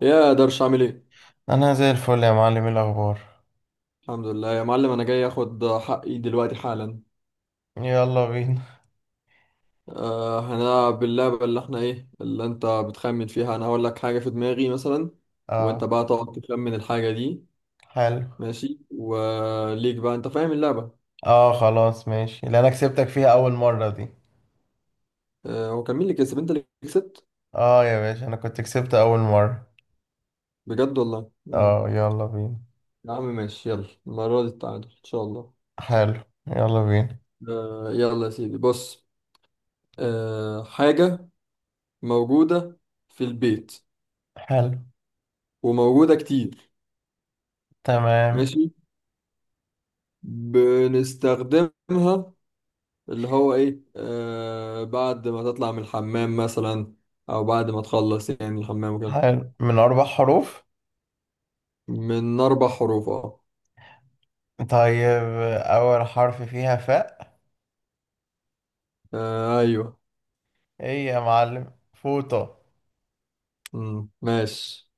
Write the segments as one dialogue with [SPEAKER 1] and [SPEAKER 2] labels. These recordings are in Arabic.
[SPEAKER 1] يا درش، عامل ايه؟
[SPEAKER 2] انا زي الفل يا معلم، إيه الاخبار؟
[SPEAKER 1] الحمد لله يا معلم، انا جاي اخد حقي دلوقتي حالا.
[SPEAKER 2] يلا بينا.
[SPEAKER 1] أه، هنلعب اللعبة اللي احنا ايه اللي انت بتخمن فيها. انا هقول لك حاجة في دماغي مثلا، وانت
[SPEAKER 2] اه.
[SPEAKER 1] بقى تقعد تخمن الحاجة دي.
[SPEAKER 2] حلو.
[SPEAKER 1] ماشي، وليك بقى، انت فاهم اللعبة.
[SPEAKER 2] اه خلاص ماشي، اللي انا كسبتك فيها اول مرة دي.
[SPEAKER 1] أه، هو كان مين اللي كسب؟ انت اللي كسبت؟
[SPEAKER 2] اه يا باشا، انا كنت كسبت اول مرة.
[SPEAKER 1] بجد والله. مم.
[SPEAKER 2] اه يلا بينا.
[SPEAKER 1] يا عم ماشي، يلا المرة دي التعادل ان شاء الله.
[SPEAKER 2] حلو. يلا بينا.
[SPEAKER 1] أه يلا يا سيدي، بص. أه، حاجة موجودة في البيت،
[SPEAKER 2] حلو.
[SPEAKER 1] وموجودة كتير.
[SPEAKER 2] تمام.
[SPEAKER 1] ماشي، بنستخدمها. اللي هو ايه، بعد ما تطلع من الحمام مثلا، او بعد ما تخلص يعني الحمام وكده.
[SPEAKER 2] حلو، من اربع حروف.
[SPEAKER 1] من اربع حروف، اه.
[SPEAKER 2] طيب اول حرف فيها فاء.
[SPEAKER 1] آه، ايوه.
[SPEAKER 2] ايه يا معلم، فوطة.
[SPEAKER 1] مم. ماشي.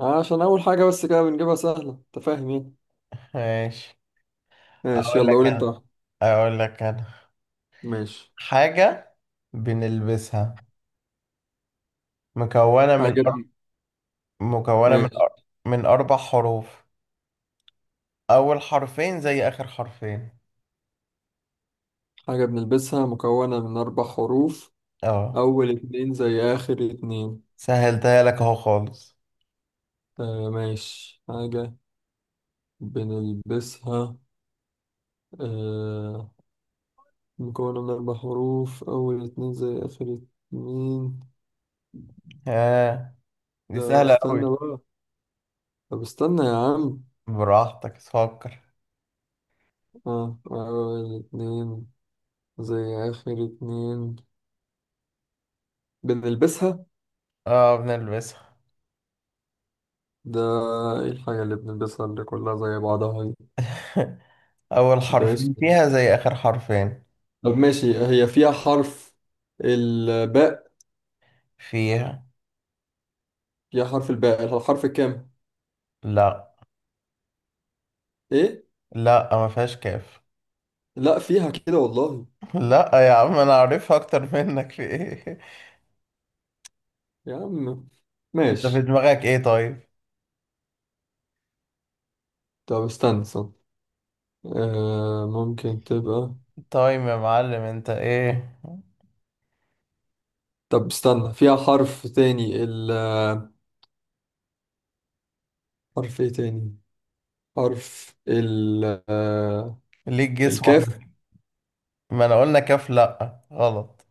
[SPEAKER 1] عشان اول حاجة بس كده بنجيبها سهلة، انت فاهم يعني.
[SPEAKER 2] ماشي.
[SPEAKER 1] ماشي،
[SPEAKER 2] اقول
[SPEAKER 1] يلا
[SPEAKER 2] لك
[SPEAKER 1] قول انت
[SPEAKER 2] انا
[SPEAKER 1] واحدة.
[SPEAKER 2] اقول لك انا
[SPEAKER 1] ماشي.
[SPEAKER 2] حاجة بنلبسها، مكونة من
[SPEAKER 1] حاجة ب-
[SPEAKER 2] مكونة من
[SPEAKER 1] ماشي.
[SPEAKER 2] أر- من أربع حروف، أول حرفين زي آخر حرفين.
[SPEAKER 1] حاجة بنلبسها مكونة من اربع حروف،
[SPEAKER 2] اه
[SPEAKER 1] اول اتنين زي اخر اتنين.
[SPEAKER 2] سهلتها لك أهو خالص.
[SPEAKER 1] آه ماشي. حاجة بنلبسها، آه مكونة من أربع حروف، أول اتنين زي آخر اتنين.
[SPEAKER 2] ها، دي
[SPEAKER 1] لا
[SPEAKER 2] سهلة أوي.
[SPEAKER 1] استنى بقى. طب استنى يا عم.
[SPEAKER 2] براحتك فكر.
[SPEAKER 1] آه، أول اتنين زي آخر اتنين، بنلبسها.
[SPEAKER 2] اه بنلبسها.
[SPEAKER 1] ده إيه الحاجة اللي بنلبسها اللي كلها زي بعضها دي؟
[SPEAKER 2] أول
[SPEAKER 1] ده
[SPEAKER 2] حرفين
[SPEAKER 1] اسم.
[SPEAKER 2] فيها زي آخر حرفين.
[SPEAKER 1] طب ماشي، هي فيها حرف الباء.
[SPEAKER 2] فيها.
[SPEAKER 1] فيها حرف الباء، الحرف الكام؟
[SPEAKER 2] لا.
[SPEAKER 1] إيه؟
[SPEAKER 2] لا ما فيهاش كاف.
[SPEAKER 1] لا، فيها كده والله.
[SPEAKER 2] لا يا عم، أنا عارفها أكتر منك في إيه.
[SPEAKER 1] يا عم
[SPEAKER 2] أنت في
[SPEAKER 1] ماشي.
[SPEAKER 2] دماغك إيه طيب؟
[SPEAKER 1] طب استنى. آه، ممكن تبقى.
[SPEAKER 2] طيب يا معلم أنت إيه؟
[SPEAKER 1] طب استنى، فيها حرف تاني، ال- حرف ايه تاني؟ حرف ال- آه،
[SPEAKER 2] ليك جس
[SPEAKER 1] الكاف.
[SPEAKER 2] واحدة. ما أنا قلنا كاف، لا غلط.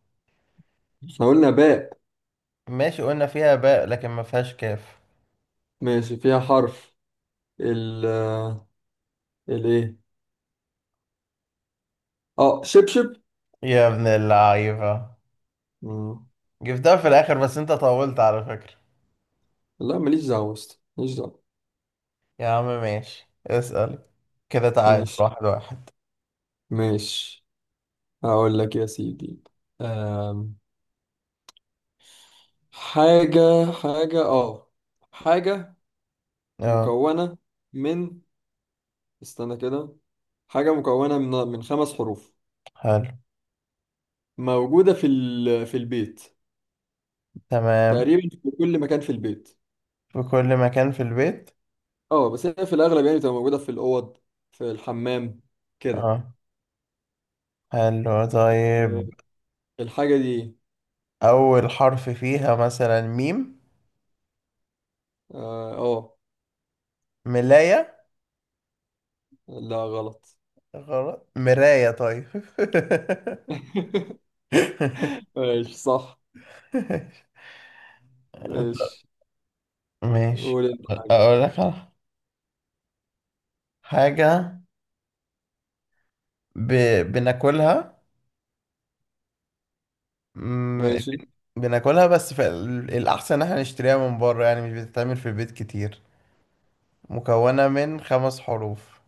[SPEAKER 1] احنا قلنا باء.
[SPEAKER 2] ماشي قلنا فيها باء، لكن ما فيهاش كاف.
[SPEAKER 1] ماشي، فيها حرف ال- الايه؟ اه، شبشب.
[SPEAKER 2] يا ابن اللعيبة.
[SPEAKER 1] مم.
[SPEAKER 2] جبتها في الآخر، بس أنت طولت على فكرة.
[SPEAKER 1] لا ماليش دعوة يا اسطى، ماليش دعوة.
[SPEAKER 2] يا عم ماشي، اسأل. كده تعادل
[SPEAKER 1] ماشي
[SPEAKER 2] واحد واحد.
[SPEAKER 1] ماشي هقول لك يا سيدي. آم، حاجة حاجة اه، حاجة
[SPEAKER 2] اه.
[SPEAKER 1] مكونة من- استنى كده. حاجة مكونة من خمس حروف،
[SPEAKER 2] حلو.
[SPEAKER 1] موجودة في البيت.
[SPEAKER 2] تمام.
[SPEAKER 1] تقريبا في كل مكان في البيت.
[SPEAKER 2] في كل مكان في البيت.
[SPEAKER 1] اه، بس هي في الأغلب يعني بتبقى موجودة في الأوض، في الحمام كده.
[SPEAKER 2] اه. حلو
[SPEAKER 1] آه،
[SPEAKER 2] طيب.
[SPEAKER 1] الحاجة دي.
[SPEAKER 2] أول حرف فيها مثلا ميم.
[SPEAKER 1] اه.
[SPEAKER 2] ملاية.
[SPEAKER 1] لا غلط.
[SPEAKER 2] غلط، مراية طيب.
[SPEAKER 1] ماشي صح. ماشي،
[SPEAKER 2] ماشي.
[SPEAKER 1] قول انت حاجة.
[SPEAKER 2] أقول لك على حاجة ب... بناكلها مم،
[SPEAKER 1] ماشي.
[SPEAKER 2] بن- بناكلها بس الأحسن إن احنا نشتريها من بره، يعني مش بتتعمل في البيت كتير. مكونة من خمس حروف.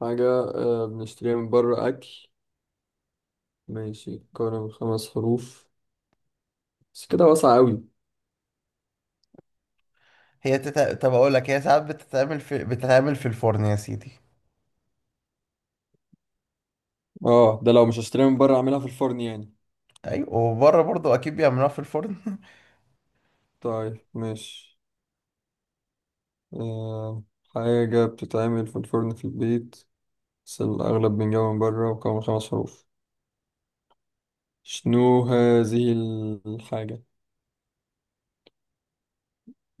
[SPEAKER 1] حاجة بنشتريها من بره، أكل. ماشي، مكونة من خمس حروف. بس كده واسعة أوي.
[SPEAKER 2] طب أقول لك، هي ساعات بتتعمل في الفرن يا سيدي.
[SPEAKER 1] اه، ده لو مش هشتريها من بره أعملها في الفرن يعني.
[SPEAKER 2] أيوة، وبره برضو أكيد بيعملوها في الفرن.
[SPEAKER 1] طيب ماشي. آه، حاجة بتتعمل في الفرن في البيت، بس الأغلب بنجاوب من بره، وكمان من خمس حروف. شنو هذه الحاجة؟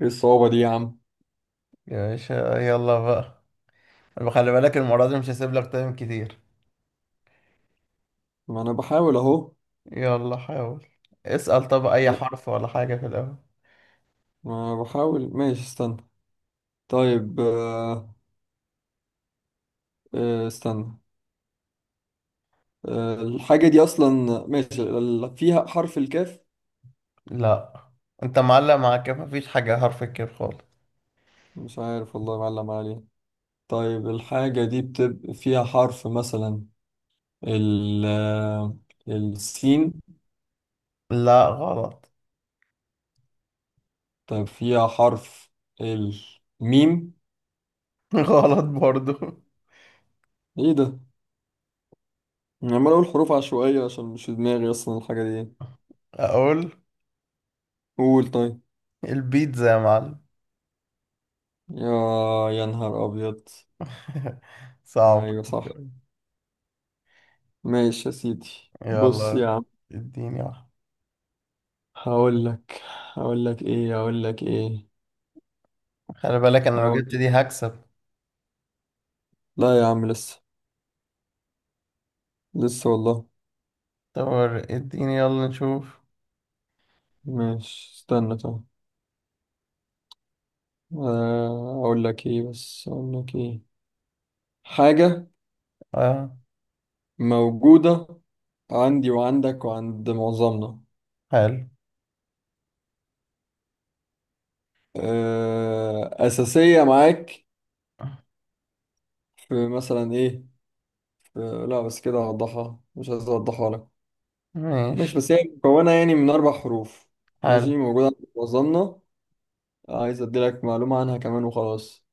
[SPEAKER 1] إيه الصعوبة دي يا عم؟
[SPEAKER 2] يا باشا يلا بقى. طب خلي بالك المرة دي مش هسيب لك تايم كتير.
[SPEAKER 1] ما أنا بحاول أهو.
[SPEAKER 2] يلا حاول. اسأل طب أي حرف ولا حاجة في الأول.
[SPEAKER 1] ما أنا بحاول ماشي استنى. طيب، استنى. آه، الحاجة دي أصلا، ماشي، فيها حرف الكاف؟
[SPEAKER 2] لا. أنت معلق، معاك مفيش حاجة حرف الكاف خالص.
[SPEAKER 1] مش عارف والله، معلم عليه. طيب، الحاجة دي بتبقى فيها حرف مثلا ال- السين؟
[SPEAKER 2] لا غلط.
[SPEAKER 1] طيب فيها حرف الميم؟
[SPEAKER 2] غلط برضو.
[SPEAKER 1] إيه ده؟ انا عمال اقول حروف عشوائية عشان مش في دماغي اصلا الحاجة دي.
[SPEAKER 2] أقول.
[SPEAKER 1] قول طيب.
[SPEAKER 2] البيتزا يا معلم.
[SPEAKER 1] يا يا نهار ابيض.
[SPEAKER 2] صعب
[SPEAKER 1] ايوه صح.
[SPEAKER 2] شوية.
[SPEAKER 1] ماشي يا سيدي، بص
[SPEAKER 2] يلا.
[SPEAKER 1] يا عم.
[SPEAKER 2] اديني واحدة.
[SPEAKER 1] هقول لك. هقول لك ايه.
[SPEAKER 2] خلي بالك انا لو
[SPEAKER 1] هقول
[SPEAKER 2] جبت
[SPEAKER 1] لك.
[SPEAKER 2] دي هكسب.
[SPEAKER 1] لا يا عم لسه، والله.
[SPEAKER 2] طب اديني يلا نشوف.
[SPEAKER 1] ماشي استنى. طيب، اقول لك ايه؟ حاجة
[SPEAKER 2] اه.
[SPEAKER 1] موجودة عندي وعندك وعند معظمنا.
[SPEAKER 2] حلو.
[SPEAKER 1] أساسية معاك في مثلا إيه. لا بس كده هوضحها، مش عايز اوضحها لك. ماشي،
[SPEAKER 2] ماشي.
[SPEAKER 1] بس هي مكونة يعني من اربع حروف.
[SPEAKER 2] حلو.
[SPEAKER 1] ماشي، موجودة عند وظنة. عايز ادي لك معلومة عنها كمان وخلاص.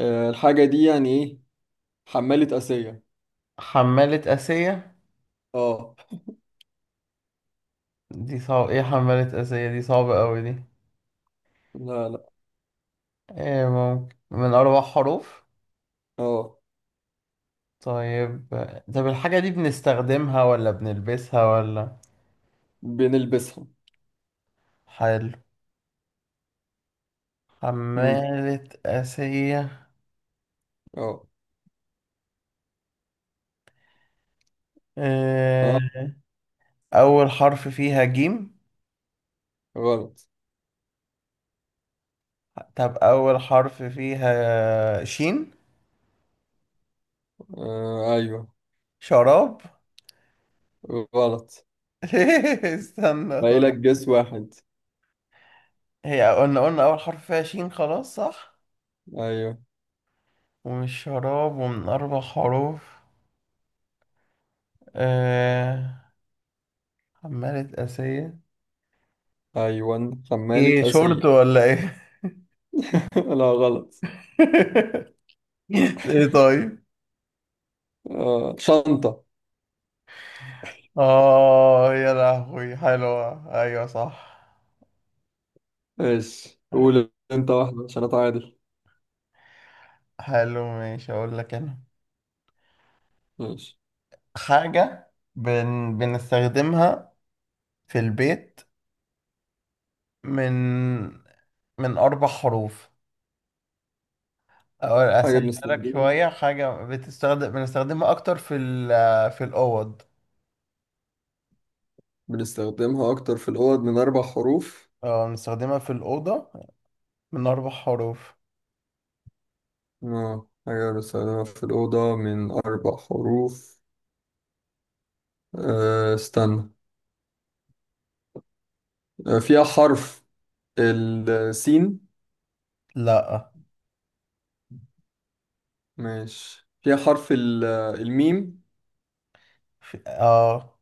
[SPEAKER 1] آه، الحاجة دي يعني ايه. حمالة آسية.
[SPEAKER 2] حمالة آسية؟
[SPEAKER 1] اه.
[SPEAKER 2] دي صعب، ايه حمالة آسية دي؟ صعبة قوي دي.
[SPEAKER 1] لا.
[SPEAKER 2] ايه ممكن، من أربع حروف.
[SPEAKER 1] اه،
[SPEAKER 2] طيب. طب الحاجة دي بنستخدمها ولا بنلبسها ولا؟
[SPEAKER 1] بنلبسها.
[SPEAKER 2] حلو.
[SPEAKER 1] امم.
[SPEAKER 2] حمالة آسية.
[SPEAKER 1] اه.
[SPEAKER 2] إيه.
[SPEAKER 1] اه
[SPEAKER 2] أول حرف فيها جيم.
[SPEAKER 1] غلط.
[SPEAKER 2] طب أول حرف فيها شين.
[SPEAKER 1] آه ايوه.
[SPEAKER 2] شراب.
[SPEAKER 1] غلط.
[SPEAKER 2] استنى
[SPEAKER 1] باقي لك
[SPEAKER 2] طيب.
[SPEAKER 1] جس واحد.
[SPEAKER 2] هي قلنا أول حرف فيها شين خلاص صح.
[SPEAKER 1] ايوه،
[SPEAKER 2] ومش شراب، ومن أربع حروف. آه... عمالة أسية.
[SPEAKER 1] ايوه حمالة
[SPEAKER 2] إيه،
[SPEAKER 1] آسية.
[SPEAKER 2] شورت ولا إيه؟
[SPEAKER 1] لا غلط.
[SPEAKER 2] إيه طيب.
[SPEAKER 1] آه، شنطة.
[SPEAKER 2] آه يا لهوي، حلوة أيوة صح.
[SPEAKER 1] ايش، قول انت واحدة عشان اتعادل.
[SPEAKER 2] حلو ماشي، أقول لك أنا.
[SPEAKER 1] ماشي.
[SPEAKER 2] حاجة بنستخدمها في البيت، من من أربع حروف. أو
[SPEAKER 1] حاجة
[SPEAKER 2] أسهلها لك شوية، حاجة بنستخدمها أكتر في الأوض.
[SPEAKER 1] بنستخدمها أكتر في الأوض، من أربع حروف.
[SPEAKER 2] اه بنستخدمها في الأوضة، من أربع حروف.
[SPEAKER 1] آه، حاجة بنستخدمها في الأوضة من أربع حروف. آه استنى. آه، فيها حرف السين؟
[SPEAKER 2] لأ.
[SPEAKER 1] ماشي، فيها حرف الميم؟
[SPEAKER 2] اه.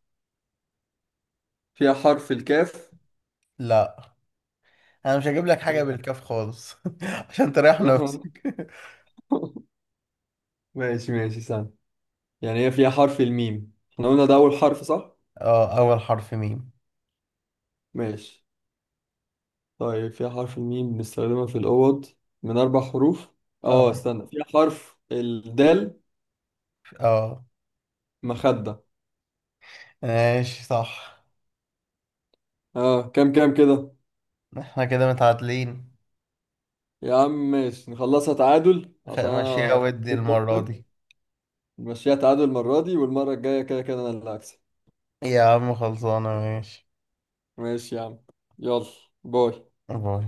[SPEAKER 1] فيها حرف الكاف؟
[SPEAKER 2] لأ. أنا مش هجيب لك حاجة
[SPEAKER 1] يا
[SPEAKER 2] بالكاف خالص. عشان تريح
[SPEAKER 1] نهار.
[SPEAKER 2] نفسك.
[SPEAKER 1] ماشي استنى. يعني هي فيها حرف الميم، احنا قلنا ده أول حرف صح؟
[SPEAKER 2] اه أول حرف ميم.
[SPEAKER 1] ماشي. طيب، في حرف الميم، بنستخدمها في الأوض من أربع حروف. اه
[SPEAKER 2] اه.
[SPEAKER 1] استنى، في حرف الدال.
[SPEAKER 2] اه.
[SPEAKER 1] مخدة.
[SPEAKER 2] ماشي صح.
[SPEAKER 1] اه. كام كده.
[SPEAKER 2] احنا كده متعادلين.
[SPEAKER 1] يا عم ماشي، نخلصها تعادل عشان
[SPEAKER 2] ماشية
[SPEAKER 1] أنا أخاف
[SPEAKER 2] ودي
[SPEAKER 1] إنك
[SPEAKER 2] المرة
[SPEAKER 1] تخسر.
[SPEAKER 2] دي.
[SPEAKER 1] نمشيها تعادل المرة دي، والمرة الجاية كده كده أنا اللي هكسب.
[SPEAKER 2] يا عم خلصانة ماشي.
[SPEAKER 1] ماشي يا عم. يلا. باي.
[SPEAKER 2] باي.